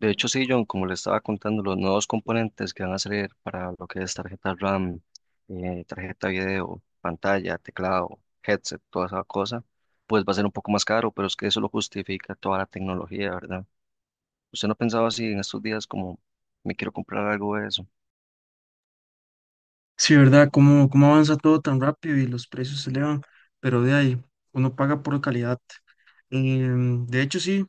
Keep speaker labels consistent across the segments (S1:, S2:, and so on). S1: De hecho, sí, John, como le estaba contando, los nuevos componentes que van a salir para lo que es tarjeta RAM, tarjeta video, pantalla, teclado, headset, toda esa cosa, pues va a ser un poco más caro, pero es que eso lo justifica toda la tecnología, ¿verdad? ¿Usted no pensaba así en estos días como me quiero comprar algo de eso?
S2: Sí, ¿verdad? ¿Cómo avanza todo tan rápido y los precios se elevan? Pero de ahí, uno paga por calidad. De hecho, sí,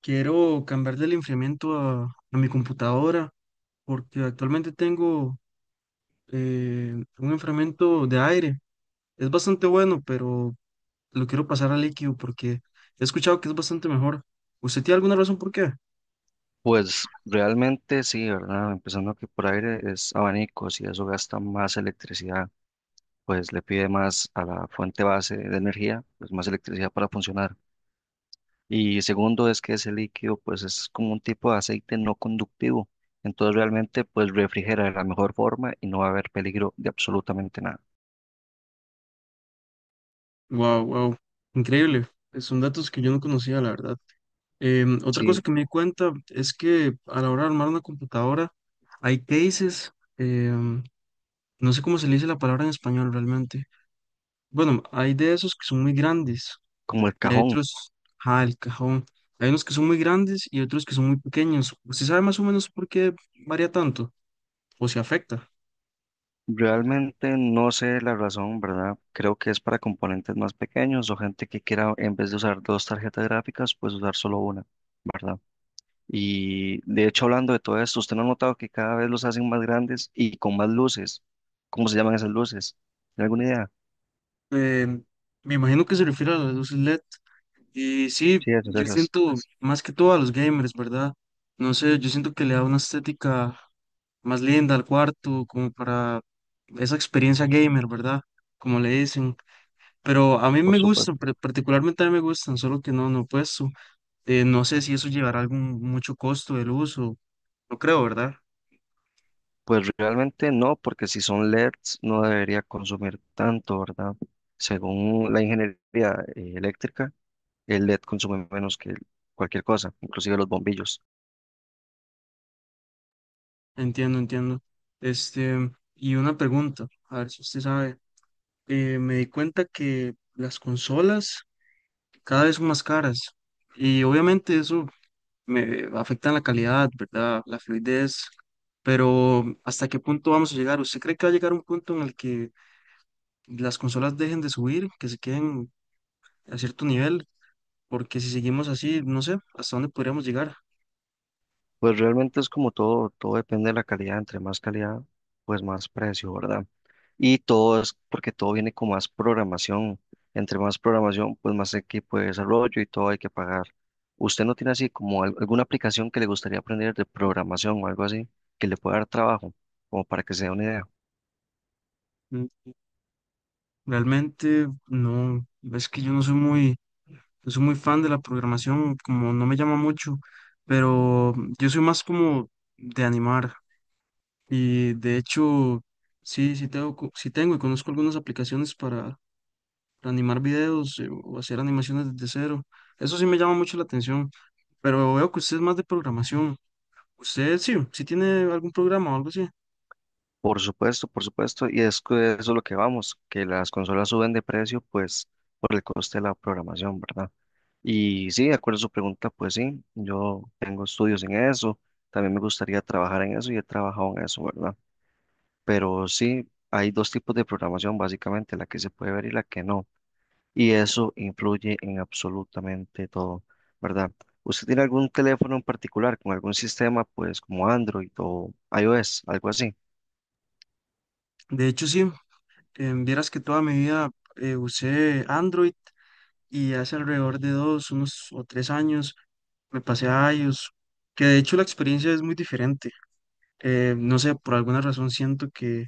S2: quiero cambiarle el enfriamiento a mi computadora porque actualmente tengo un enfriamiento de aire. Es bastante bueno, pero lo quiero pasar a líquido porque he escuchado que es bastante mejor. ¿Usted tiene alguna razón por qué?
S1: Pues realmente sí, ¿verdad? Empezando que por aire es abanicos y eso gasta más electricidad, pues le pide más a la fuente base de energía, pues más electricidad para funcionar. Y segundo es que ese líquido pues es como un tipo de aceite no conductivo. Entonces realmente pues refrigera de la mejor forma y no va a haber peligro de absolutamente nada.
S2: Wow, wow, increíble. Son datos que yo no conocía, la verdad. Otra cosa
S1: Sí,
S2: que me di cuenta es que a la hora de armar una computadora hay cases, em, no sé cómo se le dice la palabra en español realmente. Bueno, hay de esos que son muy grandes
S1: como el
S2: y hay
S1: cajón.
S2: otros, ah, el cajón. Hay unos que son muy grandes y otros que son muy pequeños. ¿Usted sabe más o menos por qué varía tanto o se afecta?
S1: Realmente no sé la razón, ¿verdad? Creo que es para componentes más pequeños o gente que quiera en vez de usar dos tarjetas gráficas pues usar solo una, ¿verdad? Y de hecho hablando de todo esto, ¿usted no ha notado que cada vez los hacen más grandes y con más luces? ¿Cómo se llaman esas luces? ¿Tiene alguna idea?
S2: Em, Me imagino que se refiere a las luces LED. Y sí,
S1: Sí, esas,
S2: yo
S1: esas,
S2: siento más que todo a los gamers, ¿verdad? No sé, yo siento que le da una estética más linda al cuarto, como para esa experiencia gamer, ¿verdad? Como le dicen. Pero a mí
S1: por
S2: me gustan,
S1: supuesto.
S2: particularmente a mí me gustan, solo que no he puesto. No sé si eso llevará algún mucho costo del uso, no creo, ¿verdad?
S1: Pues realmente no, porque si son LEDs no debería consumir tanto, ¿verdad? Según la ingeniería eléctrica, el LED consume menos que cualquier cosa, inclusive los bombillos.
S2: Entiendo, entiendo. Este, y una pregunta, a ver si usted sabe. Me di cuenta que las consolas cada vez son más caras y obviamente eso me afectan la calidad, ¿verdad? La fluidez, pero ¿hasta qué punto vamos a llegar? ¿Usted cree que va a llegar un punto en el que las consolas dejen de subir, que se queden a cierto nivel? Porque si seguimos así, no sé, ¿hasta dónde podríamos llegar?
S1: Pues realmente es como todo, todo depende de la calidad, entre más calidad, pues más precio, ¿verdad? Y todo es porque todo viene con más programación. Entre más programación, pues más equipo de desarrollo y todo hay que pagar. ¿Usted no tiene así como alguna aplicación que le gustaría aprender de programación o algo así que le pueda dar trabajo, como para que se dé una idea?
S2: Mm, Realmente no, es que yo no soy muy, no soy muy fan de la programación, como no me llama mucho, pero yo soy más como de animar y de hecho sí, sí tengo y conozco algunas aplicaciones para animar videos o hacer animaciones desde cero. Eso sí me llama mucho la atención, pero veo que usted es más de programación. Usted sí, sí tiene algún programa o algo así.
S1: Por supuesto, y es que eso es lo que vamos, que las consolas suben de precio, pues por el coste de la programación, ¿verdad? Y sí, de acuerdo a su pregunta, pues sí, yo tengo estudios en eso, también me gustaría trabajar en eso y he trabajado en eso, ¿verdad? Pero sí, hay dos tipos de programación, básicamente, la que se puede ver y la que no. Y eso influye en absolutamente todo, ¿verdad? ¿Usted tiene algún teléfono en particular con algún sistema, pues como Android o iOS, algo así?
S2: De hecho, sí, vieras que toda mi vida usé Android y hace alrededor de dos, unos o tres años me pasé a iOS, que de hecho la experiencia es muy diferente. No sé, por alguna razón siento que,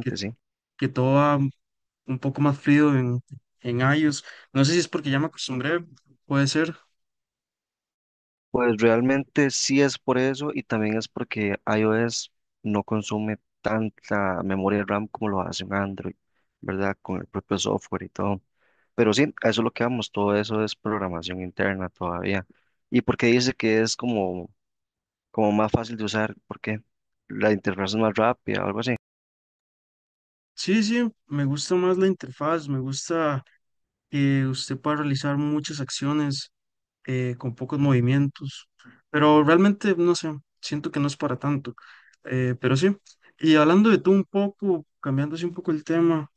S2: que,
S1: sí.
S2: que todo va un poco más frío en iOS. No sé si es porque ya me acostumbré, puede ser.
S1: Pues realmente sí es por eso y también es porque iOS no consume tanta memoria RAM como lo hace un Android, ¿verdad? Con el propio software y todo. Pero sí, a eso es lo que vamos, todo eso es programación interna todavía. ¿Y por qué dice que es como, como más fácil de usar? ¿Por qué? ¿La interfaz es más rápida o algo así?
S2: Sí, sí, me gusta más la interfaz, me gusta que usted pueda realizar muchas acciones con pocos movimientos, pero realmente no sé, siento que no es para tanto, pero sí. Y hablando de tú un poco, cambiando así un poco el tema,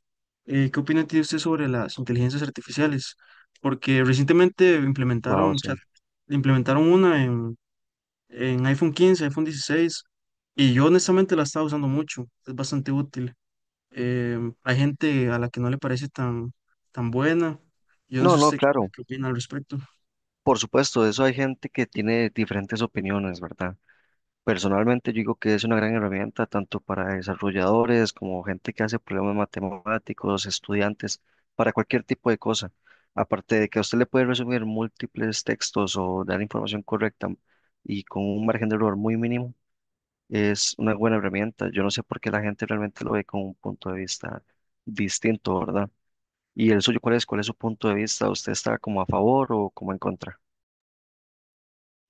S2: ¿qué opina tiene usted sobre las inteligencias artificiales? Porque recientemente
S1: Wow,
S2: implementaron chat,
S1: sí.
S2: implementaron una en iPhone 15, iPhone 16, y yo honestamente la estaba usando mucho, es bastante útil hay gente a la que no le parece tan, tan buena. Yo no sé
S1: No, no,
S2: usted qué,
S1: claro.
S2: qué opina al respecto.
S1: Por supuesto, eso hay gente que tiene diferentes opiniones, ¿verdad? Personalmente yo digo que es una gran herramienta tanto para desarrolladores como gente que hace problemas matemáticos, estudiantes, para cualquier tipo de cosa. Aparte de que a usted le puede resumir múltiples textos o dar información correcta y con un margen de error muy mínimo, es una buena herramienta. Yo no sé por qué la gente realmente lo ve con un punto de vista distinto, ¿verdad? ¿Y el suyo cuál es? ¿Cuál es su punto de vista? ¿Usted está como a favor o como en contra?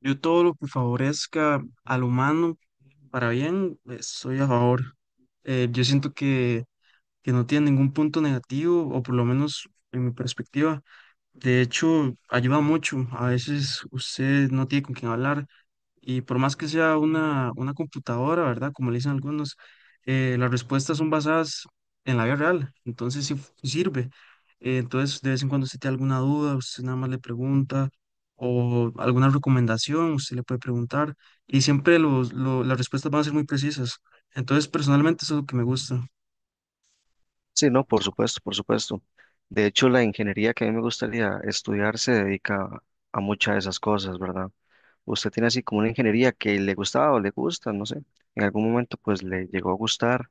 S2: Yo todo lo que favorezca al humano para bien, estoy a favor. Yo siento que no tiene ningún punto negativo, o por lo menos en mi perspectiva. De hecho, ayuda mucho. A veces usted no tiene con quién hablar y por más que sea una computadora, ¿verdad? Como le dicen algunos, las respuestas son basadas en la vida real. Entonces sí sirve. Entonces, de vez en cuando usted tiene alguna duda, usted nada más le pregunta o alguna recomendación, usted le puede preguntar y siempre las respuestas van a ser muy precisas. Entonces, personalmente eso es lo que me gusta.
S1: Sí, no, por supuesto, por supuesto. De hecho, la ingeniería que a mí me gustaría estudiar se dedica a muchas de esas cosas, ¿verdad? Usted tiene así como una ingeniería que le gustaba o le gusta, no sé. En algún momento, pues le llegó a gustar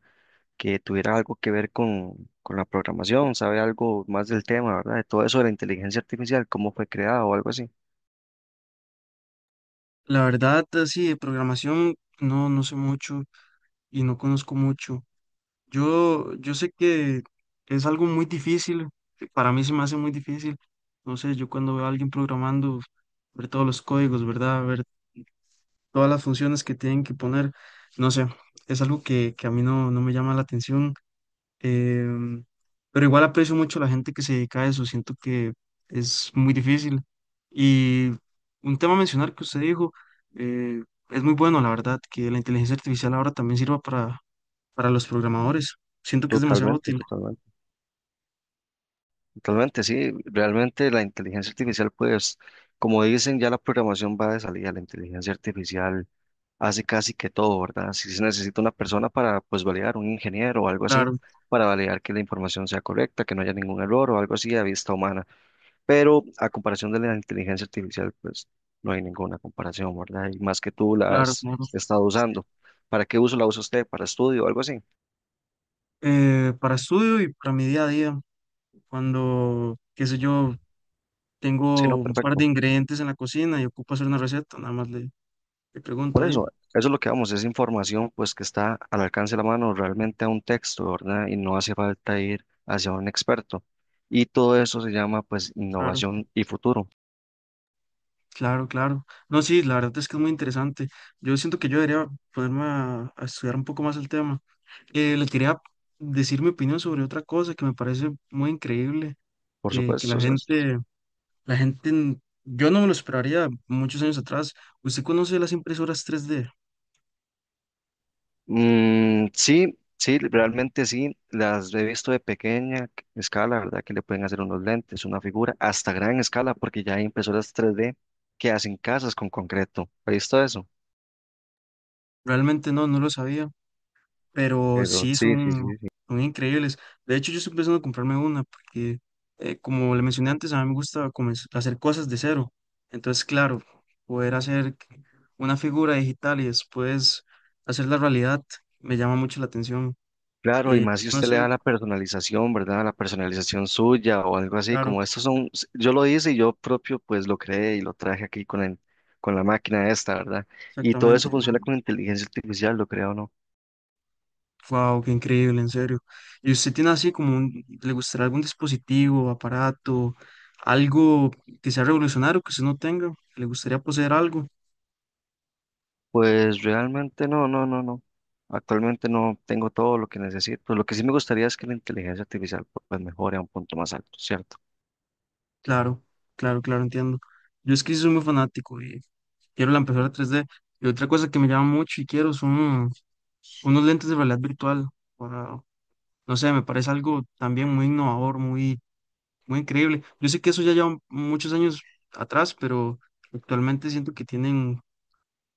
S1: que tuviera algo que ver con la programación, sabe algo más del tema, ¿verdad? De todo eso de la inteligencia artificial, cómo fue creada o algo así.
S2: La verdad, así de programación, no sé mucho y no conozco mucho. Yo sé que es algo muy difícil, para mí se me hace muy difícil. Entonces yo cuando veo a alguien programando, ver todos los códigos, ¿verdad? Ver todas las funciones que tienen que poner, no sé, es algo que, a mí no me llama la atención. em, pero igual aprecio mucho la gente que se dedica a eso, siento que es muy difícil. Y un tema a mencionar que usted dijo, eh, es muy bueno, la verdad, que la inteligencia artificial ahora también sirva para, los programadores. Siento que es demasiado
S1: Totalmente,
S2: útil.
S1: totalmente. Totalmente, sí. Realmente la inteligencia artificial, pues, como dicen, ya la programación va de salida, la inteligencia artificial hace casi que todo, ¿verdad? Si se necesita una persona para, pues, validar, un ingeniero o algo así,
S2: Claro,
S1: para validar que la información sea correcta, que no haya ningún error o algo así a vista humana. Pero a comparación de la inteligencia artificial, pues, no hay ninguna comparación, ¿verdad? Y más que tú la
S2: claro,
S1: has
S2: claro.
S1: estado usando. ¿Para qué uso la usa usted? ¿Para estudio o algo así?
S2: Para estudio y para mi día a día, cuando, qué sé yo,
S1: Sí,
S2: tengo
S1: no,
S2: un par de
S1: perfecto.
S2: ingredientes en la cocina y ocupo hacer una receta, nada más le pregunto
S1: Por
S2: ahí.
S1: eso, eso es lo que vamos, es información pues que está al alcance de la mano realmente a un texto, ¿verdad? Y no hace falta ir hacia un experto. Y todo eso se llama pues
S2: Claro,
S1: innovación y futuro.
S2: claro, claro. No, sí, la verdad es que es muy interesante. Yo siento que yo debería ponerme a estudiar un poco más el tema. Le quería decir mi opinión sobre otra cosa que me parece muy increíble,
S1: Por
S2: que, la
S1: supuesto, sí.
S2: gente, la gente, yo no me lo esperaría muchos años atrás. ¿Usted conoce las impresoras 3D?
S1: Mm, sí, sí, realmente sí, las he visto de pequeña escala, ¿verdad? Que le pueden hacer unos lentes, una figura, hasta gran escala, porque ya hay impresoras 3D que hacen casas con concreto. ¿Ha visto eso?
S2: Realmente no, no lo sabía, pero
S1: Pero
S2: sí
S1: sí, sí,
S2: son,
S1: sí, sí.
S2: son increíbles. De hecho, yo estoy pensando en comprarme una porque, como le mencioné antes, a mí me gusta hacer cosas de cero. Entonces, claro, poder hacer una figura digital y después hacer la realidad me llama mucho la atención.
S1: Claro, y más
S2: Yo
S1: si
S2: no
S1: usted le
S2: sé,
S1: da la personalización, ¿verdad? La personalización suya o algo así,
S2: claro,
S1: como estos son, yo lo hice y yo propio pues lo creé y lo traje aquí con el, con la máquina esta, ¿verdad? Y todo eso
S2: exactamente.
S1: funciona con inteligencia artificial, lo creo, ¿no?
S2: Wow, qué increíble, en serio. ¿Y usted tiene así como le gustaría algún dispositivo, aparato, algo que sea revolucionario que usted no tenga? Que ¿Le gustaría poseer algo?
S1: Pues realmente no, no, no, no. Actualmente no tengo todo lo que necesito. Lo que sí me gustaría es que la inteligencia artificial pues mejore a un punto más alto, ¿cierto?
S2: Claro, claro, claro, entiendo. Yo es que sí soy muy fanático y quiero la impresora 3D. Y otra cosa que me llama mucho y quiero son unos lentes de realidad virtual. para- no sé, me parece algo también muy innovador, muy, muy increíble. Yo sé que eso ya lleva muchos años atrás, pero actualmente siento que tienen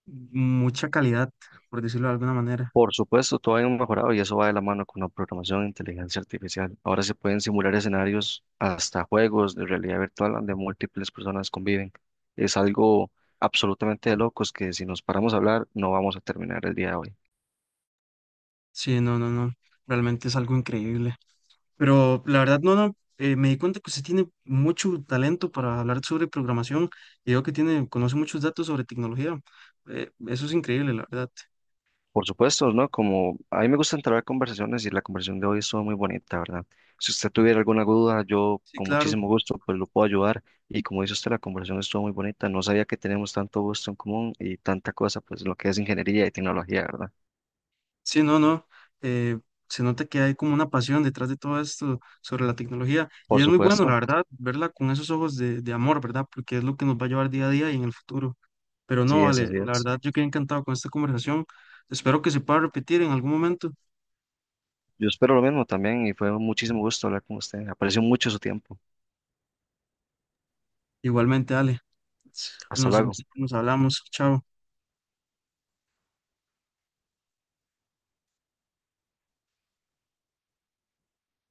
S2: mucha calidad, por decirlo de alguna manera.
S1: Por supuesto, todo ha mejorado y eso va de la mano con la programación de inteligencia artificial. Ahora se pueden simular escenarios hasta juegos de realidad virtual donde múltiples personas conviven. Es algo absolutamente de locos que si nos paramos a hablar no vamos a terminar el día de hoy.
S2: Sí, no, no, no. Realmente es algo increíble. Pero la verdad, no, no, me di cuenta que usted tiene mucho talento para hablar sobre programación y veo que tiene, conoce muchos datos sobre tecnología. Eso es increíble, la verdad.
S1: Por supuesto, ¿no? Como a mí me gusta entrar a conversaciones y la conversación de hoy estuvo muy bonita, ¿verdad? Si usted tuviera alguna duda, yo
S2: Sí,
S1: con
S2: claro.
S1: muchísimo gusto pues lo puedo ayudar y como dice usted, la conversación estuvo muy bonita. No sabía que tenemos tanto gusto en común y tanta cosa pues lo que es ingeniería y tecnología, ¿verdad?
S2: Sí, no, no. eh, se nota que hay como una pasión detrás de todo esto sobre la tecnología y
S1: Por
S2: es muy bueno, la
S1: supuesto,
S2: verdad, verla con esos ojos de amor, ¿verdad? Porque es lo que nos va a llevar día a día y en el futuro. Pero no,
S1: sí es,
S2: vale,
S1: así
S2: la
S1: es.
S2: verdad, yo quedé encantado con esta conversación. Espero que se pueda repetir en algún momento.
S1: Yo espero lo mismo también y fue un muchísimo gusto hablar con usted. Aprecio mucho su tiempo.
S2: Igualmente, dale.
S1: Hasta
S2: Nos,
S1: luego.
S2: nos hablamos. Chao.